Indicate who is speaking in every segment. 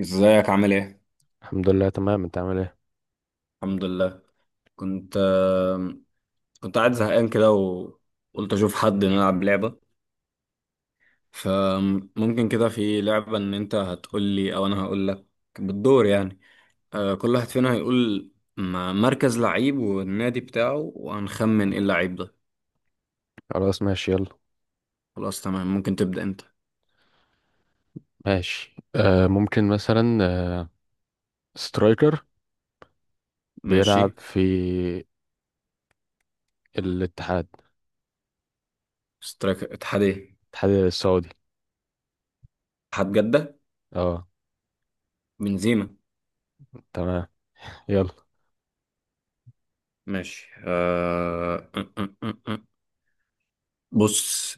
Speaker 1: ازيك عامل ايه؟
Speaker 2: الحمد لله تمام، انت عامل ايه؟
Speaker 1: الحمد لله. كنت كنت قاعد زهقان كده وقلت اشوف حد نلعب لعبة. فممكن كده في لعبة ان انت هتقول لي او انا هقول لك بالدور يعني. كل واحد فينا هيقول مركز لعيب والنادي بتاعه وهنخمن ايه اللعيب ده.
Speaker 2: خلاص ماشي، يلا.
Speaker 1: خلاص تمام، ممكن تبدأ انت.
Speaker 2: ماشي ممكن مثلا آه سترايكر
Speaker 1: ماشي.
Speaker 2: بيلعب في الاتحاد،
Speaker 1: سترايك اتحاد ايه؟
Speaker 2: الاتحاد السعودي.
Speaker 1: اتحاد جدة.
Speaker 2: اه
Speaker 1: بنزيما.
Speaker 2: تمام، يلا.
Speaker 1: ماشي أه... أه، أه، أه، أه. بص.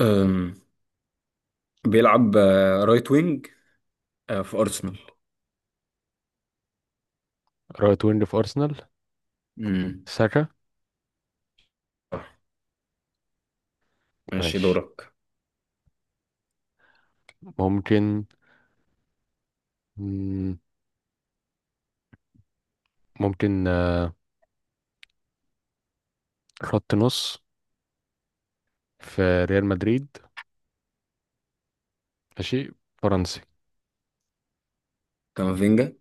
Speaker 1: أم، بيلعب رايت وينج في أرسنال.
Speaker 2: رايت وينج في ارسنال،
Speaker 1: امم
Speaker 2: ساكا.
Speaker 1: ماشي،
Speaker 2: ماشي
Speaker 1: دورك.
Speaker 2: ممكن، مم، ممكن خط نص في ريال مدريد، ماشي، فرنسي.
Speaker 1: كامافينجا.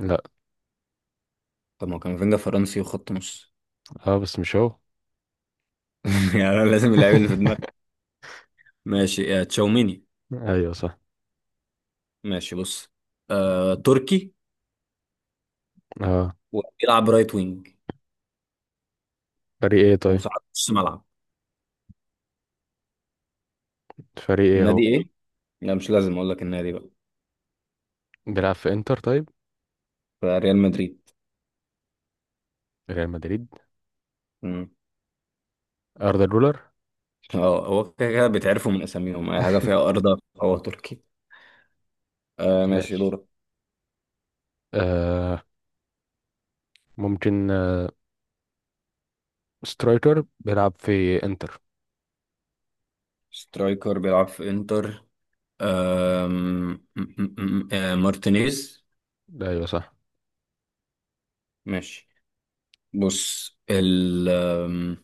Speaker 2: لا.
Speaker 1: طب ما هو كامافينجا فرنسي وخط نص.
Speaker 2: اه بس مش هو.
Speaker 1: يعني أنا لازم اللعيب اللي في دماغي. ماشي تشاوميني.
Speaker 2: ايوه صح.
Speaker 1: ماشي بص، تركي
Speaker 2: اه
Speaker 1: وبيلعب رايت وينج
Speaker 2: فريق ايه طيب؟
Speaker 1: وساعات نص ملعب.
Speaker 2: فريق ايه هو؟
Speaker 1: النادي ايه؟ لا مش لازم اقول لك النادي بقى.
Speaker 2: بيلعب في انتر طيب؟
Speaker 1: فريال مدريد.
Speaker 2: ريال مدريد،
Speaker 1: امم
Speaker 2: اردا جولر.
Speaker 1: اه، هو كده كده بيتعرفوا من اساميهم، اي حاجه فيها ارض هو تركي. آه ماشي،
Speaker 2: ماشي،
Speaker 1: دورك.
Speaker 2: آه ممكن سترايكر بيلعب في انتر.
Speaker 1: سترايكر بيلعب في انتر. آم، م- م- م- آه مارتينيز.
Speaker 2: ايوه صح.
Speaker 1: ماشي بص ال آم،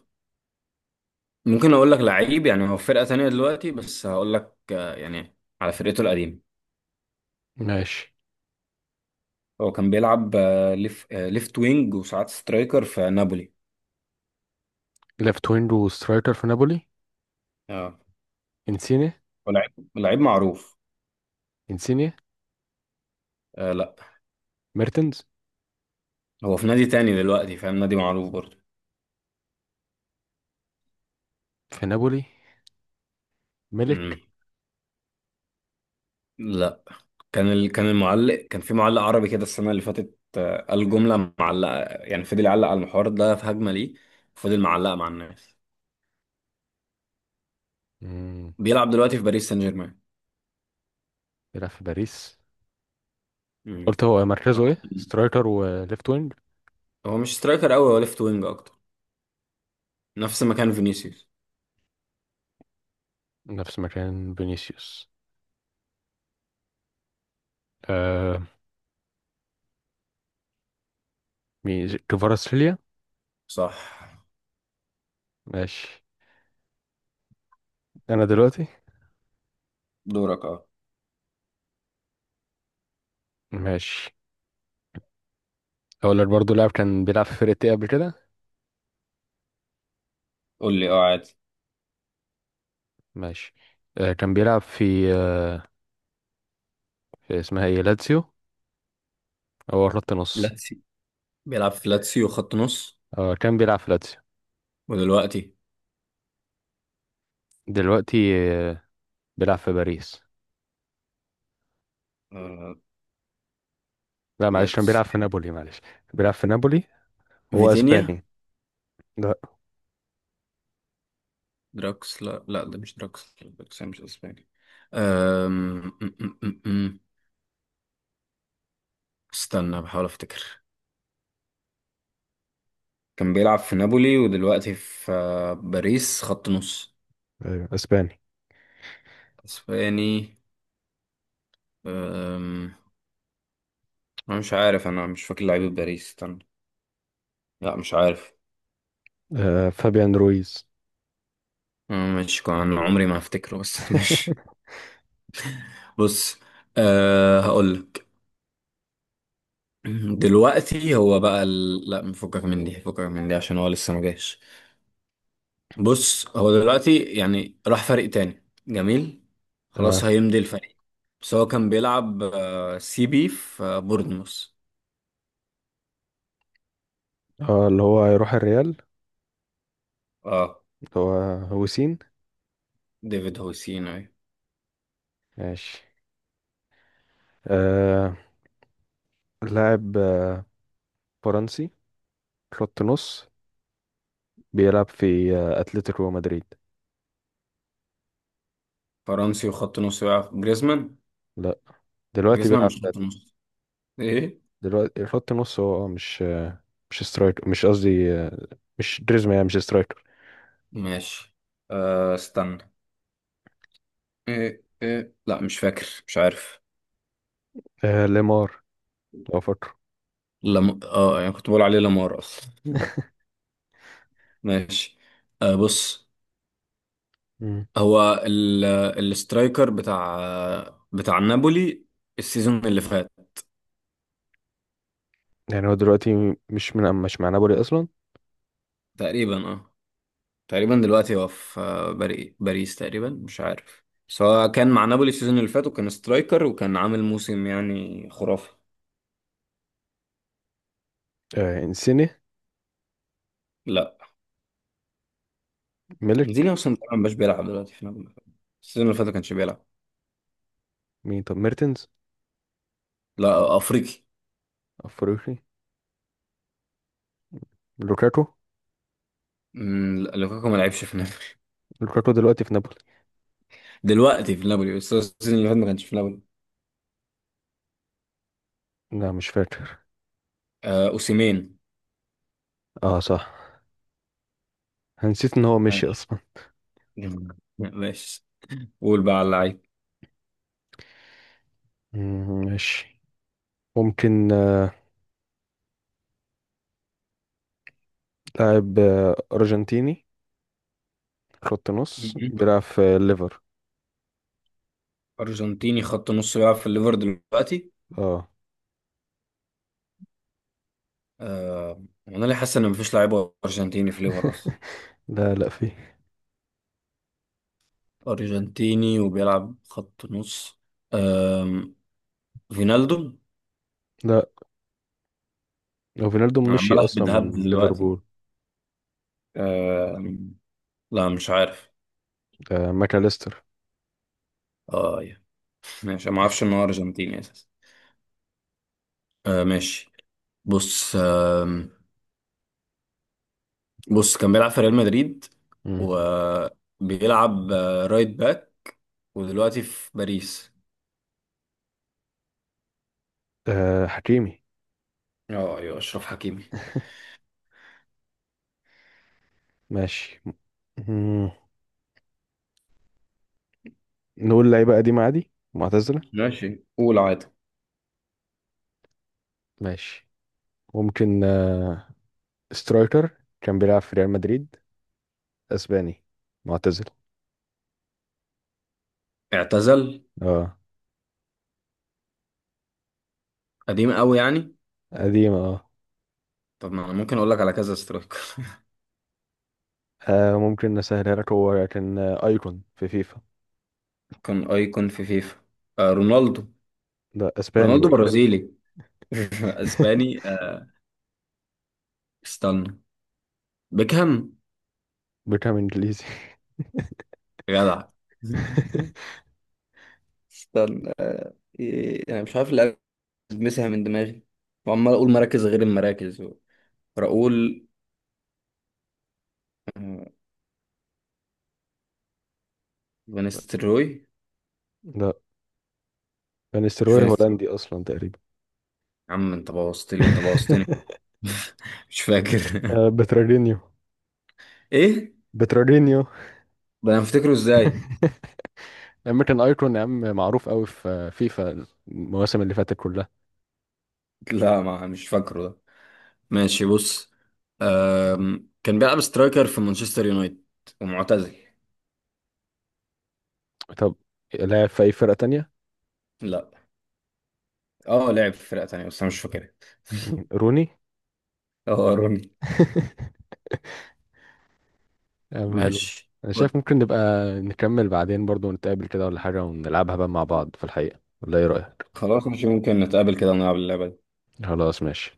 Speaker 1: ممكن اقول لك لعيب يعني هو في فرقة تانية دلوقتي بس هقول لك يعني على فرقته القديمة.
Speaker 2: ماشي،
Speaker 1: هو كان بيلعب ليفت وينج وساعات سترايكر في نابولي.
Speaker 2: ليفت وينج وسترايكر في نابولي.
Speaker 1: اه
Speaker 2: انسيني.
Speaker 1: هو لعيب معروف.
Speaker 2: انسيني.
Speaker 1: آه لا،
Speaker 2: ميرتنز.
Speaker 1: هو في نادي تاني دلوقتي فاهم، نادي معروف برضه.
Speaker 2: في نابولي. ملك.
Speaker 1: امم لا. كان المعلق، كان في معلق عربي كده السنة اللي فاتت، قال جملة معلقة يعني فضل يعلق على المحور ده في هجمة ليه، فضل معلقة مع الناس.
Speaker 2: مم.
Speaker 1: بيلعب دلوقتي في باريس سان جيرمان.
Speaker 2: بيلعب في باريس.
Speaker 1: مم.
Speaker 2: قلت هو مركزه
Speaker 1: راح
Speaker 2: ايه،
Speaker 1: ليه.
Speaker 2: سترايكر وليفت وينج؟
Speaker 1: هو مش سترايكر قوي، هو ليفت وينج اكتر، نفس مكان فينيسيوس.
Speaker 2: نفس مكان فينيسيوس. آه، مين، كفاراتسخيليا؟
Speaker 1: صح.
Speaker 2: ماشي، انا دلوقتي.
Speaker 1: دورك اه.
Speaker 2: ماشي، اقول لك برضه لاعب كان بيلعب في فرقتي قبل كده.
Speaker 1: قول لي اه عادي.
Speaker 2: ماشي، كان بيلعب في آه، اسمها ايه، لاتسيو، هو خط نص.
Speaker 1: لاتسي. بيلعب في لاتسيو خط نص.
Speaker 2: هو كان بيلعب في لاتسيو.
Speaker 1: ودلوقتي
Speaker 2: دلوقتي آه، بيلعب في باريس.
Speaker 1: آه.
Speaker 2: لا معلش، كان
Speaker 1: لاتسي.
Speaker 2: بيلعب في نابولي، معلش. بيلعب في نابولي. هو
Speaker 1: فيتينيا.
Speaker 2: اسباني. لا.
Speaker 1: دراكس، لا لا ده مش دراكس، دراكس مش اسباني. أم... أم، أم، أم. استنى بحاول افتكر. كان بيلعب في نابولي ودلوقتي في باريس، خط نص.
Speaker 2: ايوه، اسباني.
Speaker 1: اسباني. أم... انا مش عارف، انا مش فاكر لعيبه باريس، استنى. لا مش عارف.
Speaker 2: آه، فابيان رويز.
Speaker 1: أنا مش كان عمري ما هفتكره بس مش. بص، أه هقول لك. دلوقتي هو بقى لا فكك من دي، فكك من دي عشان هو لسه ما جاش. بص هو دلوقتي يعني راح فريق تاني جميل، خلاص
Speaker 2: تمام.
Speaker 1: هيمضي الفريق. بس هو كان بيلعب سي بي في بورنموث.
Speaker 2: اه اللي هو هيروح الريال.
Speaker 1: اه،
Speaker 2: اللي هو هوسين.
Speaker 1: ديفيد هوسين اهي.
Speaker 2: ماشي، آه لاعب فرنسي، خط نص، بيلعب في اتلتيكو مدريد.
Speaker 1: فرنسي وخط نص بقى جريزمان.
Speaker 2: لا. دلوقتي
Speaker 1: جريزمان
Speaker 2: بيلعب
Speaker 1: مش خط
Speaker 2: بدل.
Speaker 1: نص. ايه.
Speaker 2: دلوقتي خط نص هو، مش مش سترايكر، مش قصدي مش دريزما، يعني مش سترايكر.
Speaker 1: ماشي. أه استنى. إيه إيه، لا مش فاكر مش عارف.
Speaker 2: آه ليمار، لو فاكره.
Speaker 1: لم... اه يعني كنت بقول عليه لامار اصلا. ماشي آه بص.
Speaker 2: مم.
Speaker 1: هو ال... الاسترايكر بتاع نابولي السيزون اللي فات.
Speaker 2: يعني هو دلوقتي مش مع نابولي اصلا.
Speaker 1: تقريبا اه. تقريبا دلوقتي هو في باريس تقريبا مش عارف. بس هو كان مع نابولي السيزون اللي فات وكان سترايكر وكان عامل موسم يعني خرافي.
Speaker 2: آه انسيني.
Speaker 1: لا.
Speaker 2: ميلك.
Speaker 1: انزيني اصلا تقريبا مش بيلعب دلوقتي في نابولي، السيزون اللي فات ما كانش بيلعب.
Speaker 2: مين طب، ميرتنز؟
Speaker 1: لا افريقي.
Speaker 2: افريقي. لوكاكو.
Speaker 1: لا، لوكاكو ما لعبش في.
Speaker 2: لوكاكو دلوقتي في نابولي.
Speaker 1: دلوقتي في نابولي بس السيزون اللي فات ما كانش في نابولي.
Speaker 2: لا مش فاكر.
Speaker 1: آه اوسيمين.
Speaker 2: اه صح، أنا نسيت ان هو مشي
Speaker 1: ماشي.
Speaker 2: اصلا.
Speaker 1: ماشي، قول بقى على اللعيب.
Speaker 2: ماشي، ممكن لاعب ارجنتيني، خط نص،
Speaker 1: مهم.
Speaker 2: بيلعب في ليفر.
Speaker 1: ارجنتيني خط نص بيلعب في الليفر دلوقتي.
Speaker 2: اه.
Speaker 1: آه انا ليه حاسس ان مفيش لعيب ارجنتيني في الليفر اصلا.
Speaker 2: لا لا، في.
Speaker 1: ارجنتيني وبيلعب خط نص. آم، فينالدو.
Speaker 2: لا، لو فينالدو
Speaker 1: أنا
Speaker 2: مشي
Speaker 1: عمال
Speaker 2: اصلا
Speaker 1: اهبد هبد
Speaker 2: من
Speaker 1: دلوقتي.
Speaker 2: ليفربول.
Speaker 1: آم، لا مش عارف.
Speaker 2: آه، ماكاليستر.
Speaker 1: اه يا. ماشي، أنا ما اعرفش ان هو ارجنتيني اساسا. آه ماشي بص. آه بص، كان بيلعب في ريال مدريد
Speaker 2: مم.
Speaker 1: وبيلعب رايت باك ودلوقتي في باريس.
Speaker 2: آه حكيمي.
Speaker 1: اه ايوه، اشرف حكيمي.
Speaker 2: ماشي. مم. نقول لعيبه قديمه عادي، معتزله.
Speaker 1: ماشي، قول عادي.
Speaker 2: ماشي، ممكن سترايكر كان بيلعب في ريال مدريد، اسباني، معتزل.
Speaker 1: اعتزل.
Speaker 2: اه،
Speaker 1: قديم قوي يعني.
Speaker 2: قديم اه.
Speaker 1: طب ما انا ممكن اقول لك على كذا سترايكر.
Speaker 2: ممكن نسهلها لك، هو كان ايكون في فيفا.
Speaker 1: كان ايكون في فيفا. آه رونالدو.
Speaker 2: ده اسباني
Speaker 1: رونالدو
Speaker 2: بقى.
Speaker 1: برازيلي. اسباني آه. استنى، بيكهام.
Speaker 2: بيكام انجليزي.
Speaker 1: جدع. استنى. إيه، انا مش عارف اللي مسها من دماغي وعمال اقول مراكز غير المراكز. راؤول. آه، فان ستروي.
Speaker 2: لا،
Speaker 1: مش
Speaker 2: فانيستروي
Speaker 1: فاكر.
Speaker 2: هولندي اصلا تقريبا.
Speaker 1: يا عم انت بوظت لي انت بوظتني. مش فاكر.
Speaker 2: آه، بترارينيو.
Speaker 1: ايه.
Speaker 2: بترارينيو،
Speaker 1: ده انا افتكره ازاي.
Speaker 2: امريكان ايكون. يا عم معروف قوي في فيفا المواسم اللي فاتت كلها.
Speaker 1: لا ما مش فاكره ده. ماشي بص. كان بيلعب سترايكر في مانشستر يونايتد ومعتزل.
Speaker 2: طب لاعب في اي فرقة تانية؟
Speaker 1: لا. اه لعب في فرقة تانية بس انا مش فاكرها.
Speaker 2: مين؟ روني.
Speaker 1: اه روني.
Speaker 2: أم حلو.
Speaker 1: ماشي.
Speaker 2: انا شايف ممكن نبقى نكمل بعدين برضو، نتقابل كده ولا حاجة ونلعبها بقى مع بعض في الحقيقة، ولا ايه رأيك؟
Speaker 1: خلاص مش ممكن نتقابل كده ونلعب اللعبة دي.
Speaker 2: خلاص ماشي.